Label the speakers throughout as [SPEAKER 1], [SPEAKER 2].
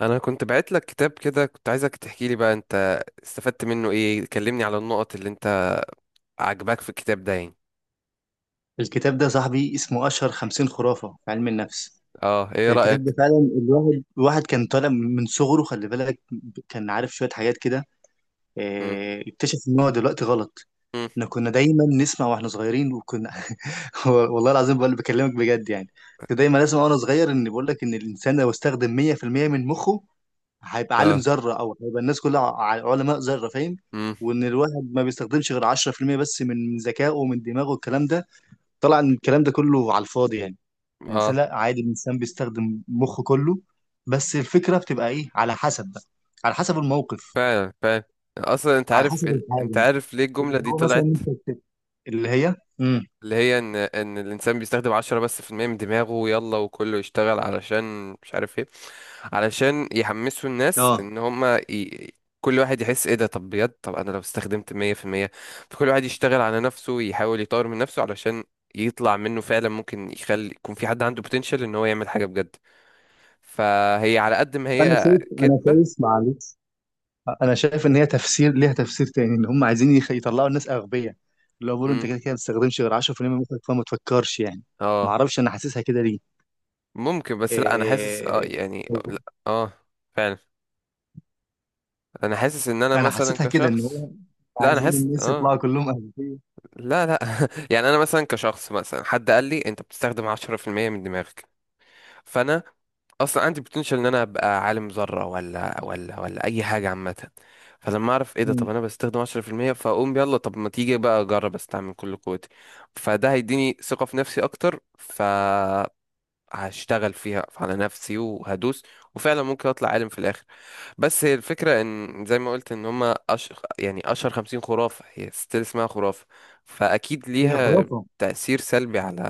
[SPEAKER 1] انا كنت بعت لك كتاب كده، كنت عايزك تحكي لي بقى انت استفدت منه ايه. كلمني على النقط اللي انت عجباك في الكتاب ده يعني.
[SPEAKER 2] الكتاب ده صاحبي اسمه أشهر خمسين خرافة في علم النفس.
[SPEAKER 1] اه، ايه
[SPEAKER 2] الكتاب
[SPEAKER 1] رأيك؟
[SPEAKER 2] ده فعلا الواحد كان طالع من صغره خلي بالك. كان عارف شوية حاجات كده.
[SPEAKER 1] مم.
[SPEAKER 2] اكتشف إن هو دلوقتي غلط.
[SPEAKER 1] مم.
[SPEAKER 2] احنا كنا دايما نسمع واحنا صغيرين وكنا والله العظيم بقول بكلمك بجد يعني. كنت دايما اسمع وانا صغير ان بقول لك ان الانسان لو استخدم 100% من مخه هيبقى عالم
[SPEAKER 1] اه.
[SPEAKER 2] ذرة او هيبقى الناس كلها علماء ذرة فاهم.
[SPEAKER 1] مم.
[SPEAKER 2] وان الواحد ما بيستخدمش غير 10% بس من ذكائه ومن دماغه الكلام ده طلع ان الكلام ده كله على الفاضي يعني. الانسان
[SPEAKER 1] اه،
[SPEAKER 2] لا عادي، الانسان بيستخدم مخه كله، بس الفكره بتبقى ايه على حسب بقى، على حسب الموقف،
[SPEAKER 1] فعلا فعلا. اصلا انت
[SPEAKER 2] على
[SPEAKER 1] عارف
[SPEAKER 2] حسب
[SPEAKER 1] انت
[SPEAKER 2] الحاجه.
[SPEAKER 1] عارف ليه الجملة
[SPEAKER 2] اللي
[SPEAKER 1] دي
[SPEAKER 2] هو مثلا
[SPEAKER 1] طلعت؟
[SPEAKER 2] انت اللي هي
[SPEAKER 1] اللي هي ان الانسان بيستخدم 10% بس من دماغه، يلا وكله يشتغل، علشان مش عارف ايه، علشان يحمسوا الناس
[SPEAKER 2] اه،
[SPEAKER 1] ان هما. كل واحد يحس ايه ده، طب بجد، طب انا لو استخدمت 100%، فكل واحد يشتغل على نفسه، يحاول يطور من نفسه، علشان يطلع منه فعلا، ممكن يخلي يكون في حد عنده potential ان هو يعمل حاجة بجد. فهي على قد ما
[SPEAKER 2] انا
[SPEAKER 1] هي
[SPEAKER 2] شايف انا
[SPEAKER 1] كدبة.
[SPEAKER 2] شايف معلش، انا شايف ان هي تفسير، ليها تفسير تاني، ان هم عايزين يطلعوا الناس اغبياء. اللي هو بيقولوا انت
[SPEAKER 1] مم.
[SPEAKER 2] كده كده ما بتستخدمش غير 10% من مخك فما تفكرش يعني. ما
[SPEAKER 1] اه،
[SPEAKER 2] اعرفش انا حاسسها كده ليه.
[SPEAKER 1] ممكن، بس لا، انا حاسس اه،
[SPEAKER 2] إيه...
[SPEAKER 1] يعني لا. اه فعلا. انا حاسس ان انا
[SPEAKER 2] انا
[SPEAKER 1] مثلا
[SPEAKER 2] حسيتها كده، ان
[SPEAKER 1] كشخص.
[SPEAKER 2] هو
[SPEAKER 1] لا انا
[SPEAKER 2] عايزين
[SPEAKER 1] حاسس
[SPEAKER 2] الناس
[SPEAKER 1] اه.
[SPEAKER 2] يطلعوا كلهم اغبياء.
[SPEAKER 1] لا لا، يعني انا مثلا كشخص، مثلا حد قال لي انت بتستخدم 10% من دماغك، فانا اصلا عندي بوتنشال ان انا ابقى عالم ذره ولا ولا اي حاجه عامه. فلما اعرف ايه ده، طب
[SPEAKER 2] أمم.
[SPEAKER 1] انا بستخدم 10%، فاقوم يلا، طب ما تيجي بقى اجرب استعمل كل قوتي. فده هيديني ثقه في نفسي اكتر، ف هشتغل فيها على نفسي وهدوس، وفعلا ممكن اطلع عالم في الاخر. بس هي الفكره ان زي ما قلت ان هما، يعني اشهر 50 خرافه، هي ستيل اسمها خرافه، فاكيد
[SPEAKER 2] هي
[SPEAKER 1] ليها
[SPEAKER 2] خرافه.
[SPEAKER 1] تأثير سلبي على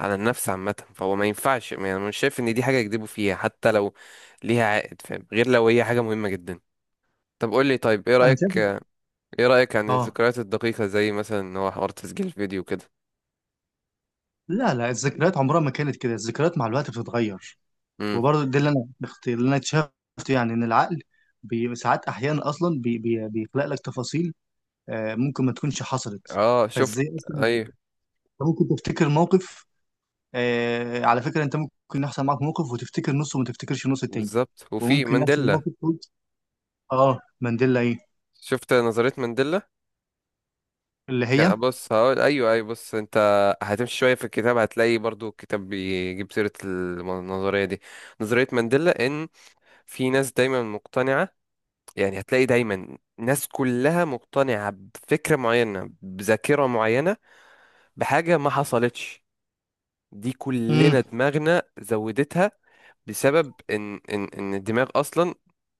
[SPEAKER 1] على النفس عامة. فهو ما ينفعش، يعني أنا مش شايف إن دي حاجة يكذبوا فيها حتى لو ليها عائد، فاهم؟ غير لو هي حاجة مهمة جدا. طب قول لي، طيب إيه
[SPEAKER 2] انا شايف.
[SPEAKER 1] رأيك؟ إيه رأيك عن
[SPEAKER 2] اه.
[SPEAKER 1] الذكريات الدقيقة، زي مثلا إن هو حوار تسجيل الفيديو كده؟
[SPEAKER 2] لا، لا الذكريات عمرها ما كانت كده، الذكريات مع الوقت بتتغير.
[SPEAKER 1] امم.
[SPEAKER 2] وبرضه ده اللي اللي انا اكتشفته يعني، ان العقل ساعات احيانا اصلا بي بي بيخلق لك تفاصيل ممكن ما تكونش حصلت.
[SPEAKER 1] اه شفت.
[SPEAKER 2] فازاي اصلا انت
[SPEAKER 1] أيوه
[SPEAKER 2] ممكن تفتكر موقف؟ على فكره، انت ممكن يحصل معاك موقف وتفتكر نصه وما تفتكرش النص التاني.
[SPEAKER 1] بالظبط. وفي
[SPEAKER 2] وممكن يحصل
[SPEAKER 1] مانديلا،
[SPEAKER 2] موقف تقول. اه مانديلا ايه؟
[SPEAKER 1] شفت نظرية مانديلا؟
[SPEAKER 2] اللي هي
[SPEAKER 1] بص هقول ايوه ايوه، بص انت هتمشي شوية في الكتاب، هتلاقي برضو الكتاب بيجيب سيرة النظرية دي، نظرية مانديلا. ان في ناس دايما مقتنعة، يعني هتلاقي دايما ناس كلها مقتنعة بفكرة معينة، بذاكرة معينة، بحاجة ما حصلتش. دي كلنا
[SPEAKER 2] امم
[SPEAKER 1] دماغنا زودتها، بسبب ان ان الدماغ اصلا،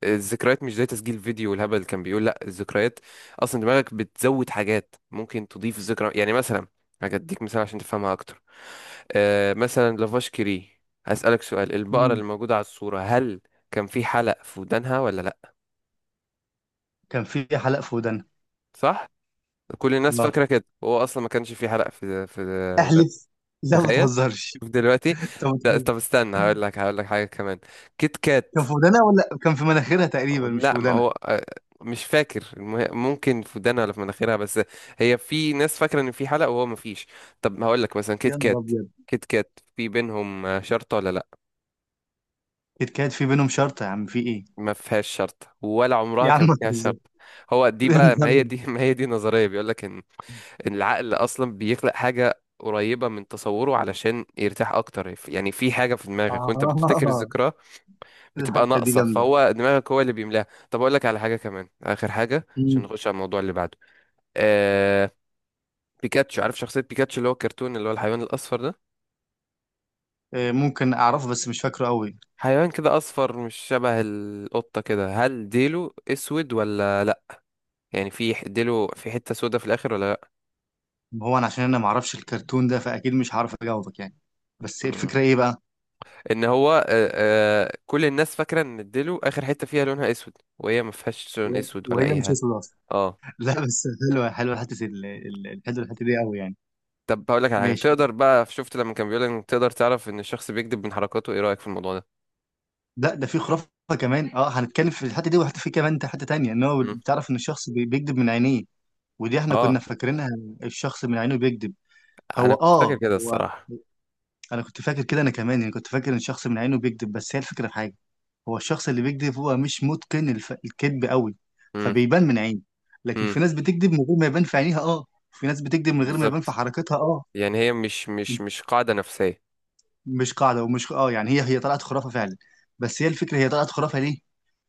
[SPEAKER 1] الذكريات مش زي تسجيل فيديو والهبل اللي كان بيقول. لا الذكريات اصلا دماغك بتزود حاجات، ممكن تضيف ذكرى. يعني مثلا هديك مثال عشان تفهمها اكتر. آه مثلا لافاش كيري، هسألك سؤال، البقرة
[SPEAKER 2] أمم،
[SPEAKER 1] اللي موجودة على الصورة، هل كان في حلق في ودانها ولا لا؟
[SPEAKER 2] كان في حلقه في ودانا.
[SPEAKER 1] صح. كل الناس
[SPEAKER 2] الله،
[SPEAKER 1] فاكرة كده، وهو اصلا ما كانش في حلق في ودانها.
[SPEAKER 2] احلف. لا ما
[SPEAKER 1] تخيل.
[SPEAKER 2] تهزرش.
[SPEAKER 1] شوف دلوقتي.
[SPEAKER 2] انت
[SPEAKER 1] لا طب استنى، هقول لك هقول لك حاجة كمان. كيت كات.
[SPEAKER 2] كان في ودانها ولا كان في مناخيرها؟ تقريبا مش في
[SPEAKER 1] لا ما
[SPEAKER 2] ودانها.
[SPEAKER 1] هو مش فاكر ممكن في ودانها ولا في مناخيرها، بس هي في ناس فاكره ان في حلقه وهو ما فيش. طب هقول لك مثلا كيت
[SPEAKER 2] يا نهار
[SPEAKER 1] كات،
[SPEAKER 2] ابيض.
[SPEAKER 1] كيت كات في بينهم شرطه ولا لا؟
[SPEAKER 2] اتكاد في بينهم شرط يا عم، في ايه؟
[SPEAKER 1] ما فيهاش شرطه، ولا عمرها
[SPEAKER 2] يا عم
[SPEAKER 1] كان
[SPEAKER 2] ما
[SPEAKER 1] فيها
[SPEAKER 2] تهزر.
[SPEAKER 1] شرطه. هو دي
[SPEAKER 2] يا
[SPEAKER 1] بقى، ما
[SPEAKER 2] نهار
[SPEAKER 1] هي
[SPEAKER 2] ابيض.
[SPEAKER 1] دي ما هي دي نظريه، بيقول لك ان إن العقل اصلا بيخلق حاجه قريبه من تصوره علشان يرتاح اكتر. يعني في حاجه في دماغك وانت بتفتكر
[SPEAKER 2] اه،
[SPEAKER 1] الذكرى بتبقى
[SPEAKER 2] الحته دي
[SPEAKER 1] ناقصه،
[SPEAKER 2] جامده.
[SPEAKER 1] فهو دماغك هو اللي بيملاها. طب اقول لك على حاجه كمان، اخر حاجه عشان
[SPEAKER 2] مم.
[SPEAKER 1] نخش على الموضوع اللي بعده. آه، بيكاتشو، عارف شخصية بيكاتشو؟ اللي هو الكرتون، اللي هو الحيوان الأصفر ده،
[SPEAKER 2] ممكن اعرفه بس مش فاكره قوي.
[SPEAKER 1] حيوان كده أصفر، مش شبه القطة كده. هل ديله أسود ولا لأ؟ يعني في ديله في حتة سودا في الآخر ولا لأ؟
[SPEAKER 2] هو انا عشان انا ما اعرفش الكرتون ده فاكيد مش هعرف اجاوبك يعني. بس
[SPEAKER 1] مم.
[SPEAKER 2] الفكره ايه بقى؟
[SPEAKER 1] إن هو آه، كل الناس فاكرة إن ديله آخر حتة فيها لونها أسود، وهي ما فيهاش لون أسود ولا
[SPEAKER 2] وهي
[SPEAKER 1] أي
[SPEAKER 2] مش
[SPEAKER 1] حاجة.
[SPEAKER 2] اسود اصلا.
[SPEAKER 1] اه.
[SPEAKER 2] لا بس حلوه، حلوه حته الحته دي قوي يعني.
[SPEAKER 1] طب هقول لك على حاجة
[SPEAKER 2] ماشي.
[SPEAKER 1] تقدر بقى، شفت لما كان بيقول إن تقدر تعرف إن الشخص بيكذب من حركاته، إيه رأيك في الموضوع ده؟
[SPEAKER 2] لا ده في خرافه كمان. اه، هنتكلم في الحته دي، وحته في كمان حته تانيه، ان هو
[SPEAKER 1] مم.
[SPEAKER 2] بتعرف ان الشخص بيكذب من عينيه. ودي احنا
[SPEAKER 1] اه.
[SPEAKER 2] كنا فاكرينها. الشخص من عينه بيكذب.
[SPEAKER 1] أنا
[SPEAKER 2] هو
[SPEAKER 1] كنت فاكر
[SPEAKER 2] اه
[SPEAKER 1] كده
[SPEAKER 2] هو
[SPEAKER 1] الصراحة.
[SPEAKER 2] انا كنت فاكر كده انا كمان يعني، كنت فاكر ان الشخص من عينه بيكذب، بس هي الفكره في حاجه. هو الشخص اللي بيكذب هو مش متقن الكذب قوي،
[SPEAKER 1] مم.
[SPEAKER 2] فبيبان من عينه. لكن
[SPEAKER 1] مم.
[SPEAKER 2] في ناس بتكذب من غير ما يبان في عينيها، اه. في ناس بتكذب من غير ما يبان في
[SPEAKER 1] بالظبط،
[SPEAKER 2] حركتها، اه.
[SPEAKER 1] يعني هي مش قاعدة نفسية.
[SPEAKER 2] مش قاعده ومش اه يعني، هي طلعت خرافه فعلا. بس هي الفكره، هي طلعت خرافه ليه؟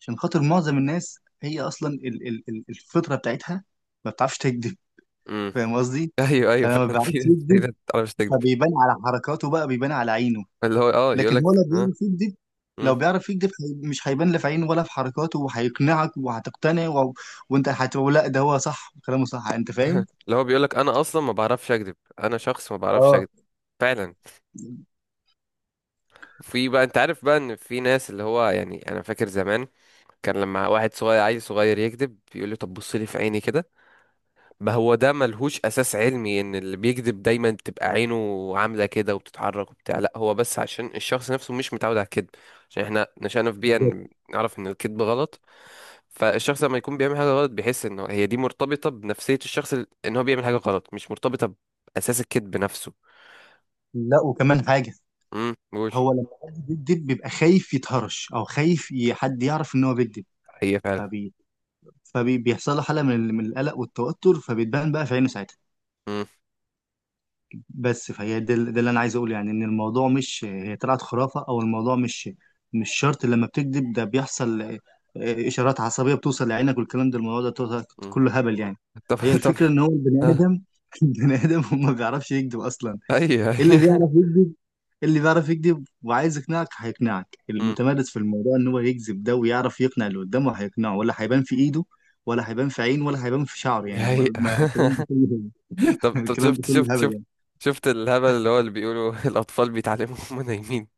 [SPEAKER 2] عشان خاطر معظم الناس هي اصلا الفطره بتاعتها ما بتعرفش تكذب،
[SPEAKER 1] امم.
[SPEAKER 2] فاهم قصدي؟
[SPEAKER 1] ايوه ايوه
[SPEAKER 2] فلما
[SPEAKER 1] فعلا، في
[SPEAKER 2] بيعرفش
[SPEAKER 1] ناس
[SPEAKER 2] يكذب
[SPEAKER 1] كتير، انا مش تكذب.
[SPEAKER 2] فبيبان على حركاته بقى، بيبان على عينه.
[SPEAKER 1] اللي هو اه يقول
[SPEAKER 2] لكن هو لو
[SPEAKER 1] لك اه.
[SPEAKER 2] بيعرف يكذب،
[SPEAKER 1] امم.
[SPEAKER 2] لو بيعرف يكذب مش هيبان لا في عينه ولا في حركاته، وهيقنعك وهتقتنع وانت هتقول لا ده هو صح، كلامه صح، انت فاهم.
[SPEAKER 1] اللي هو بيقول لك انا اصلا ما بعرفش اكذب، انا شخص ما بعرفش
[SPEAKER 2] اه
[SPEAKER 1] اكذب. فعلا. في بقى، انت عارف بقى ان في ناس، اللي هو يعني انا فاكر زمان، كان لما واحد صغير، عيل صغير يكذب، يقول لي طب بص لي في عيني كده. ما هو ده ملهوش اساس علمي، ان اللي بيكذب دايما بتبقى عينه عامله كده وبتتحرك وبتاع. لا هو بس عشان الشخص نفسه مش متعود على الكذب، عشان احنا نشأنا في بيئه
[SPEAKER 2] بالظبط.
[SPEAKER 1] نعرف ان الكذب غلط. فالشخص لما يكون بيعمل حاجه غلط، بيحس ان هي دي مرتبطه بنفسيه الشخص، ان هو بيعمل حاجه غلط، مش مرتبطه باساس الكذب نفسه.
[SPEAKER 2] لا، وكمان حاجه.
[SPEAKER 1] امم، قول.
[SPEAKER 2] هو لما حد بيكذب بيبقى خايف يتهرش او خايف حد يعرف ان هو بيكذب،
[SPEAKER 1] هي فعلا.
[SPEAKER 2] فبي فبيحصل له حاله من من القلق والتوتر، فبتبان بقى في عينه ساعتها.
[SPEAKER 1] امم.
[SPEAKER 2] بس فهي ده اللي انا عايز اقوله يعني، ان الموضوع مش هي طلعت خرافه، او الموضوع مش، مش شرط لما بتكذب ده بيحصل آه،، اشارات عصبيه بتوصل لعينك والكلام ده، الموضوع ده
[SPEAKER 1] امم.
[SPEAKER 2] كله هبل يعني.
[SPEAKER 1] طب
[SPEAKER 2] هي
[SPEAKER 1] طب.
[SPEAKER 2] الفكره ان هو البني
[SPEAKER 1] آه،
[SPEAKER 2] ادم، البني ادم هو ما بيعرفش يكذب اصلا.
[SPEAKER 1] ايوه.
[SPEAKER 2] اللي
[SPEAKER 1] أيوة.
[SPEAKER 2] بيعرف يكذب، اللي بيعرف يكذب وعايز يقنعك هيقنعك،
[SPEAKER 1] امم.
[SPEAKER 2] المتمرس في الموضوع ان هو يكذب ده ويعرف يقنع اللي قدامه هيقنعه، ولا هيبان في ايده، ولا هيبان في عينه، ولا هيبان في شعره
[SPEAKER 1] دي
[SPEAKER 2] يعني.
[SPEAKER 1] حقيقة.
[SPEAKER 2] الكلام ده كله
[SPEAKER 1] طب طب،
[SPEAKER 2] الكلام ده
[SPEAKER 1] شفت
[SPEAKER 2] كله
[SPEAKER 1] شفت شفت.
[SPEAKER 2] هبل.
[SPEAKER 1] شفت الهبل اللي هو اللي بيقولوا الأطفال بيتعلموا وهم نايمين؟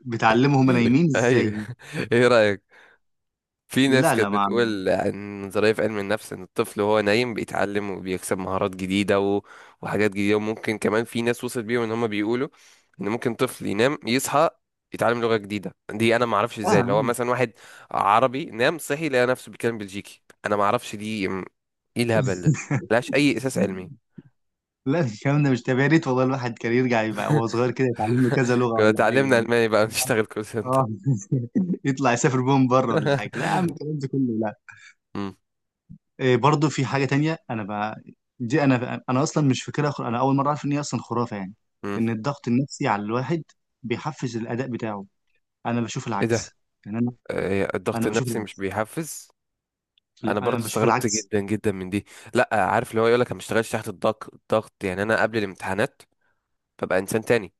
[SPEAKER 2] بتعلمهم انا يمين
[SPEAKER 1] أيوه.
[SPEAKER 2] ازاي؟
[SPEAKER 1] إيه رأيك في ناس
[SPEAKER 2] لا، لا
[SPEAKER 1] كانت
[SPEAKER 2] ما عملتها.
[SPEAKER 1] بتقول عن نظرية في علم النفس إن الطفل وهو نايم بيتعلم، وبيكسب مهارات جديدة وحاجات جديدة، وممكن كمان في ناس وصلت بيهم إن هم بيقولوا إن ممكن طفل ينام يصحى يتعلم لغة جديدة. دي أنا ما أعرفش إزاي، اللي هو مثلا واحد عربي نام صحي لقى نفسه بيتكلم بلجيكي؟ أنا ما أعرفش دي إيه الهبل ده، ملهاش أي أساس علمي.
[SPEAKER 2] لا الكلام ده مش تابع، يا ريت والله الواحد كان يرجع يبقى وهو صغير كده يتعلم له كذا لغة
[SPEAKER 1] كنا
[SPEAKER 2] ولا حاجة
[SPEAKER 1] اتعلمنا
[SPEAKER 2] يعني.
[SPEAKER 1] الماني بقى نشتغل كول سنتر.
[SPEAKER 2] اه. يطلع يسافر بيهم بره ولا حاجة. لا يا عم الكلام ده كله لا.
[SPEAKER 1] مم.
[SPEAKER 2] إيه برضه، في حاجة تانية انا بقى، دي انا اصلا مش فاكرها انا اول مرة اعرف ان هي اصلا خرافة يعني.
[SPEAKER 1] مم.
[SPEAKER 2] ان الضغط النفسي على الواحد بيحفز الاداء بتاعه. انا بشوف
[SPEAKER 1] ايه ده؟
[SPEAKER 2] العكس. يعني انا،
[SPEAKER 1] إيه الضغط
[SPEAKER 2] انا بشوف
[SPEAKER 1] النفسي مش
[SPEAKER 2] العكس.
[SPEAKER 1] بيحفز؟
[SPEAKER 2] لا
[SPEAKER 1] انا
[SPEAKER 2] انا
[SPEAKER 1] برضو
[SPEAKER 2] بشوف
[SPEAKER 1] استغربت
[SPEAKER 2] العكس.
[SPEAKER 1] جدا جدا من دي. لا عارف، اللي هو يقولك انا ما اشتغلش تحت الضغط. الضغط يعني انا قبل الامتحانات ببقى انسان تاني،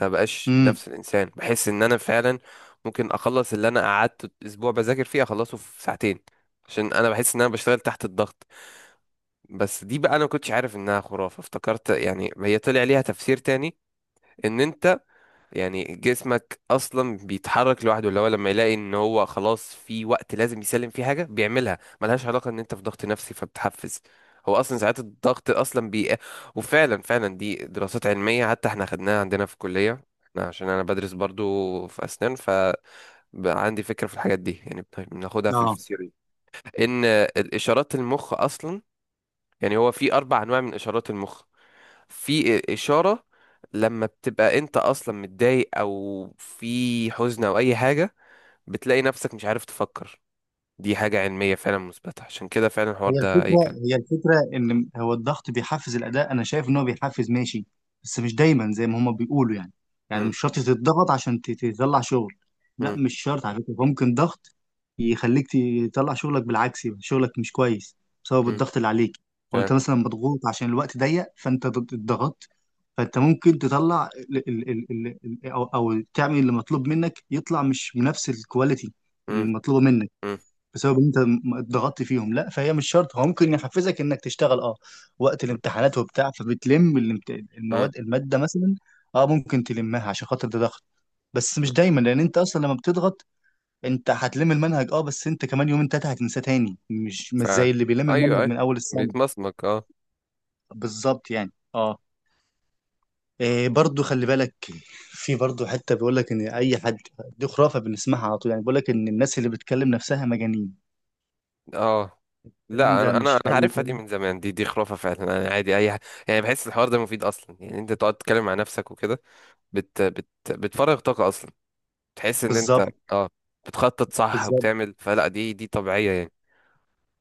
[SPEAKER 1] ما بقاش
[SPEAKER 2] امم
[SPEAKER 1] نفس الانسان، بحس ان انا فعلا ممكن اخلص اللي انا قعدت اسبوع بذاكر فيه اخلصه في ساعتين، عشان انا بحس ان انا بشتغل تحت الضغط. بس دي بقى انا ما كنتش عارف انها خرافة، افتكرت يعني هي طلع ليها تفسير تاني، ان انت يعني جسمك اصلا بيتحرك لوحده، اللي هو لما يلاقي ان هو خلاص في وقت لازم يسلم فيه حاجه بيعملها، ملهاش علاقه ان انت في ضغط نفسي فبتحفز. هو اصلا ساعات الضغط اصلا وفعلا فعلا دي دراسات علميه حتى احنا خدناها عندنا في الكليه، احنا عشان انا بدرس برضو في اسنان، فعندي فكره في الحاجات دي، يعني بناخدها في الفسيوري، ان الاشارات المخ اصلا، يعني هو في 4 انواع من اشارات المخ. في إشارة لما بتبقى أنت أصلا متضايق أو في حزن أو أي حاجة، بتلاقي نفسك مش عارف تفكر. دي حاجة علمية فعلا مثبتة، عشان كده فعلا
[SPEAKER 2] هي
[SPEAKER 1] الحوار ده أي
[SPEAKER 2] الفكرة
[SPEAKER 1] كلام.
[SPEAKER 2] هي الفكرة إن هو الضغط بيحفز الأداء، أنا شايف إن هو بيحفز ماشي، بس مش دايما زي ما هما بيقولوا يعني. يعني
[SPEAKER 1] مم،
[SPEAKER 2] مش شرط تتضغط عشان تطلع شغل. لا
[SPEAKER 1] مم،
[SPEAKER 2] مش شرط على فكرة، ممكن ضغط يخليك تطلع شغلك بالعكس، يبقى شغلك مش كويس بسبب
[SPEAKER 1] مم،
[SPEAKER 2] الضغط اللي عليك. أو
[SPEAKER 1] فعلا.
[SPEAKER 2] أنت مثلا مضغوط عشان الوقت ضيق فأنت اتضغطت، فأنت ممكن تطلع أو تعمل اللي مطلوب منك يطلع مش بنفس الكواليتي
[SPEAKER 1] مم،
[SPEAKER 2] المطلوبة منك،
[SPEAKER 1] مم،
[SPEAKER 2] بسبب إن انت اتضغطت فيهم. لا فهي مش شرط، هو ممكن يحفزك انك تشتغل اه، وقت
[SPEAKER 1] مم،
[SPEAKER 2] الامتحانات وبتاع فبتلم
[SPEAKER 1] مم،
[SPEAKER 2] الماده مثلا، اه ممكن تلمها عشان خاطر ده ضغط، بس
[SPEAKER 1] مم،
[SPEAKER 2] مش دايما، لان انت اصلا لما بتضغط انت هتلم المنهج اه، بس انت كمان يومين تلاته هتنساه تاني، مش
[SPEAKER 1] فعلا.
[SPEAKER 2] زي اللي بيلم
[SPEAKER 1] أيوه
[SPEAKER 2] المنهج
[SPEAKER 1] أيوه،
[SPEAKER 2] من اول السنه،
[SPEAKER 1] بيتمسمك أه.
[SPEAKER 2] بالظبط يعني اه. إيه برضو، خلي بالك في برضو حته بيقول لك ان اي حد، دي خرافه بنسمعها على طول يعني، بيقول لك ان الناس اللي بتكلم نفسها مجانين.
[SPEAKER 1] أه،
[SPEAKER 2] الكلام
[SPEAKER 1] لا
[SPEAKER 2] ده
[SPEAKER 1] أنا أنا
[SPEAKER 2] مش
[SPEAKER 1] أنا عارفها
[SPEAKER 2] حقيقي.
[SPEAKER 1] دي من زمان، دي دي خرافة فعلا. أنا عادي أي يعني بحس الحوار ده مفيد أصلا، يعني أنت تقعد تتكلم مع نفسك وكده، بت بت بتفرغ طاقة أصلا، تحس ان انت
[SPEAKER 2] بالظبط.
[SPEAKER 1] اه بتخطط صح
[SPEAKER 2] بالظبط.
[SPEAKER 1] وبتعمل، فلا دي دي طبيعية يعني.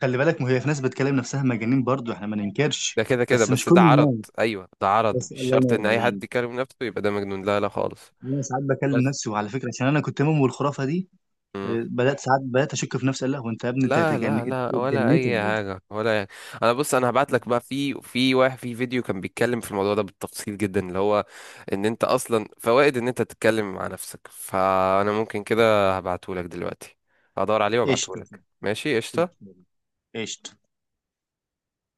[SPEAKER 2] خلي بالك، ما هي في ناس بتكلم نفسها مجانين برضو، احنا ما ننكرش،
[SPEAKER 1] ده كده كده،
[SPEAKER 2] بس مش
[SPEAKER 1] بس
[SPEAKER 2] كل
[SPEAKER 1] ده عرض.
[SPEAKER 2] الناس.
[SPEAKER 1] ايوه، ده عرض،
[SPEAKER 2] بس
[SPEAKER 1] مش
[SPEAKER 2] الله
[SPEAKER 1] شرط
[SPEAKER 2] ينور
[SPEAKER 1] ان اي حد
[SPEAKER 2] عليك،
[SPEAKER 1] يكلم نفسه يبقى ده مجنون، لا لا خالص.
[SPEAKER 2] انا ساعات بكلم
[SPEAKER 1] بس.
[SPEAKER 2] نفسي، وعلى فكره عشان انا كنت مؤمن بالخرافه دي
[SPEAKER 1] مم.
[SPEAKER 2] بدات ساعات، بدات اشك في نفسي، قال لا هو انت يا ابني انت
[SPEAKER 1] لا لا لا، ولا
[SPEAKER 2] اتجنيت
[SPEAKER 1] اي
[SPEAKER 2] ولا
[SPEAKER 1] حاجة ولا يعني. انا بص، انا هبعت
[SPEAKER 2] ايه؟
[SPEAKER 1] لك بقى في واحد في فيديو كان بيتكلم في الموضوع ده بالتفصيل جدا، اللي هو ان انت اصلا فوائد ان انت تتكلم مع نفسك، فانا ممكن كده هبعته لك دلوقتي، هدور عليه وابعته
[SPEAKER 2] قشطه.
[SPEAKER 1] لك. ماشي، قشطة.
[SPEAKER 2] قشطه. قشطة.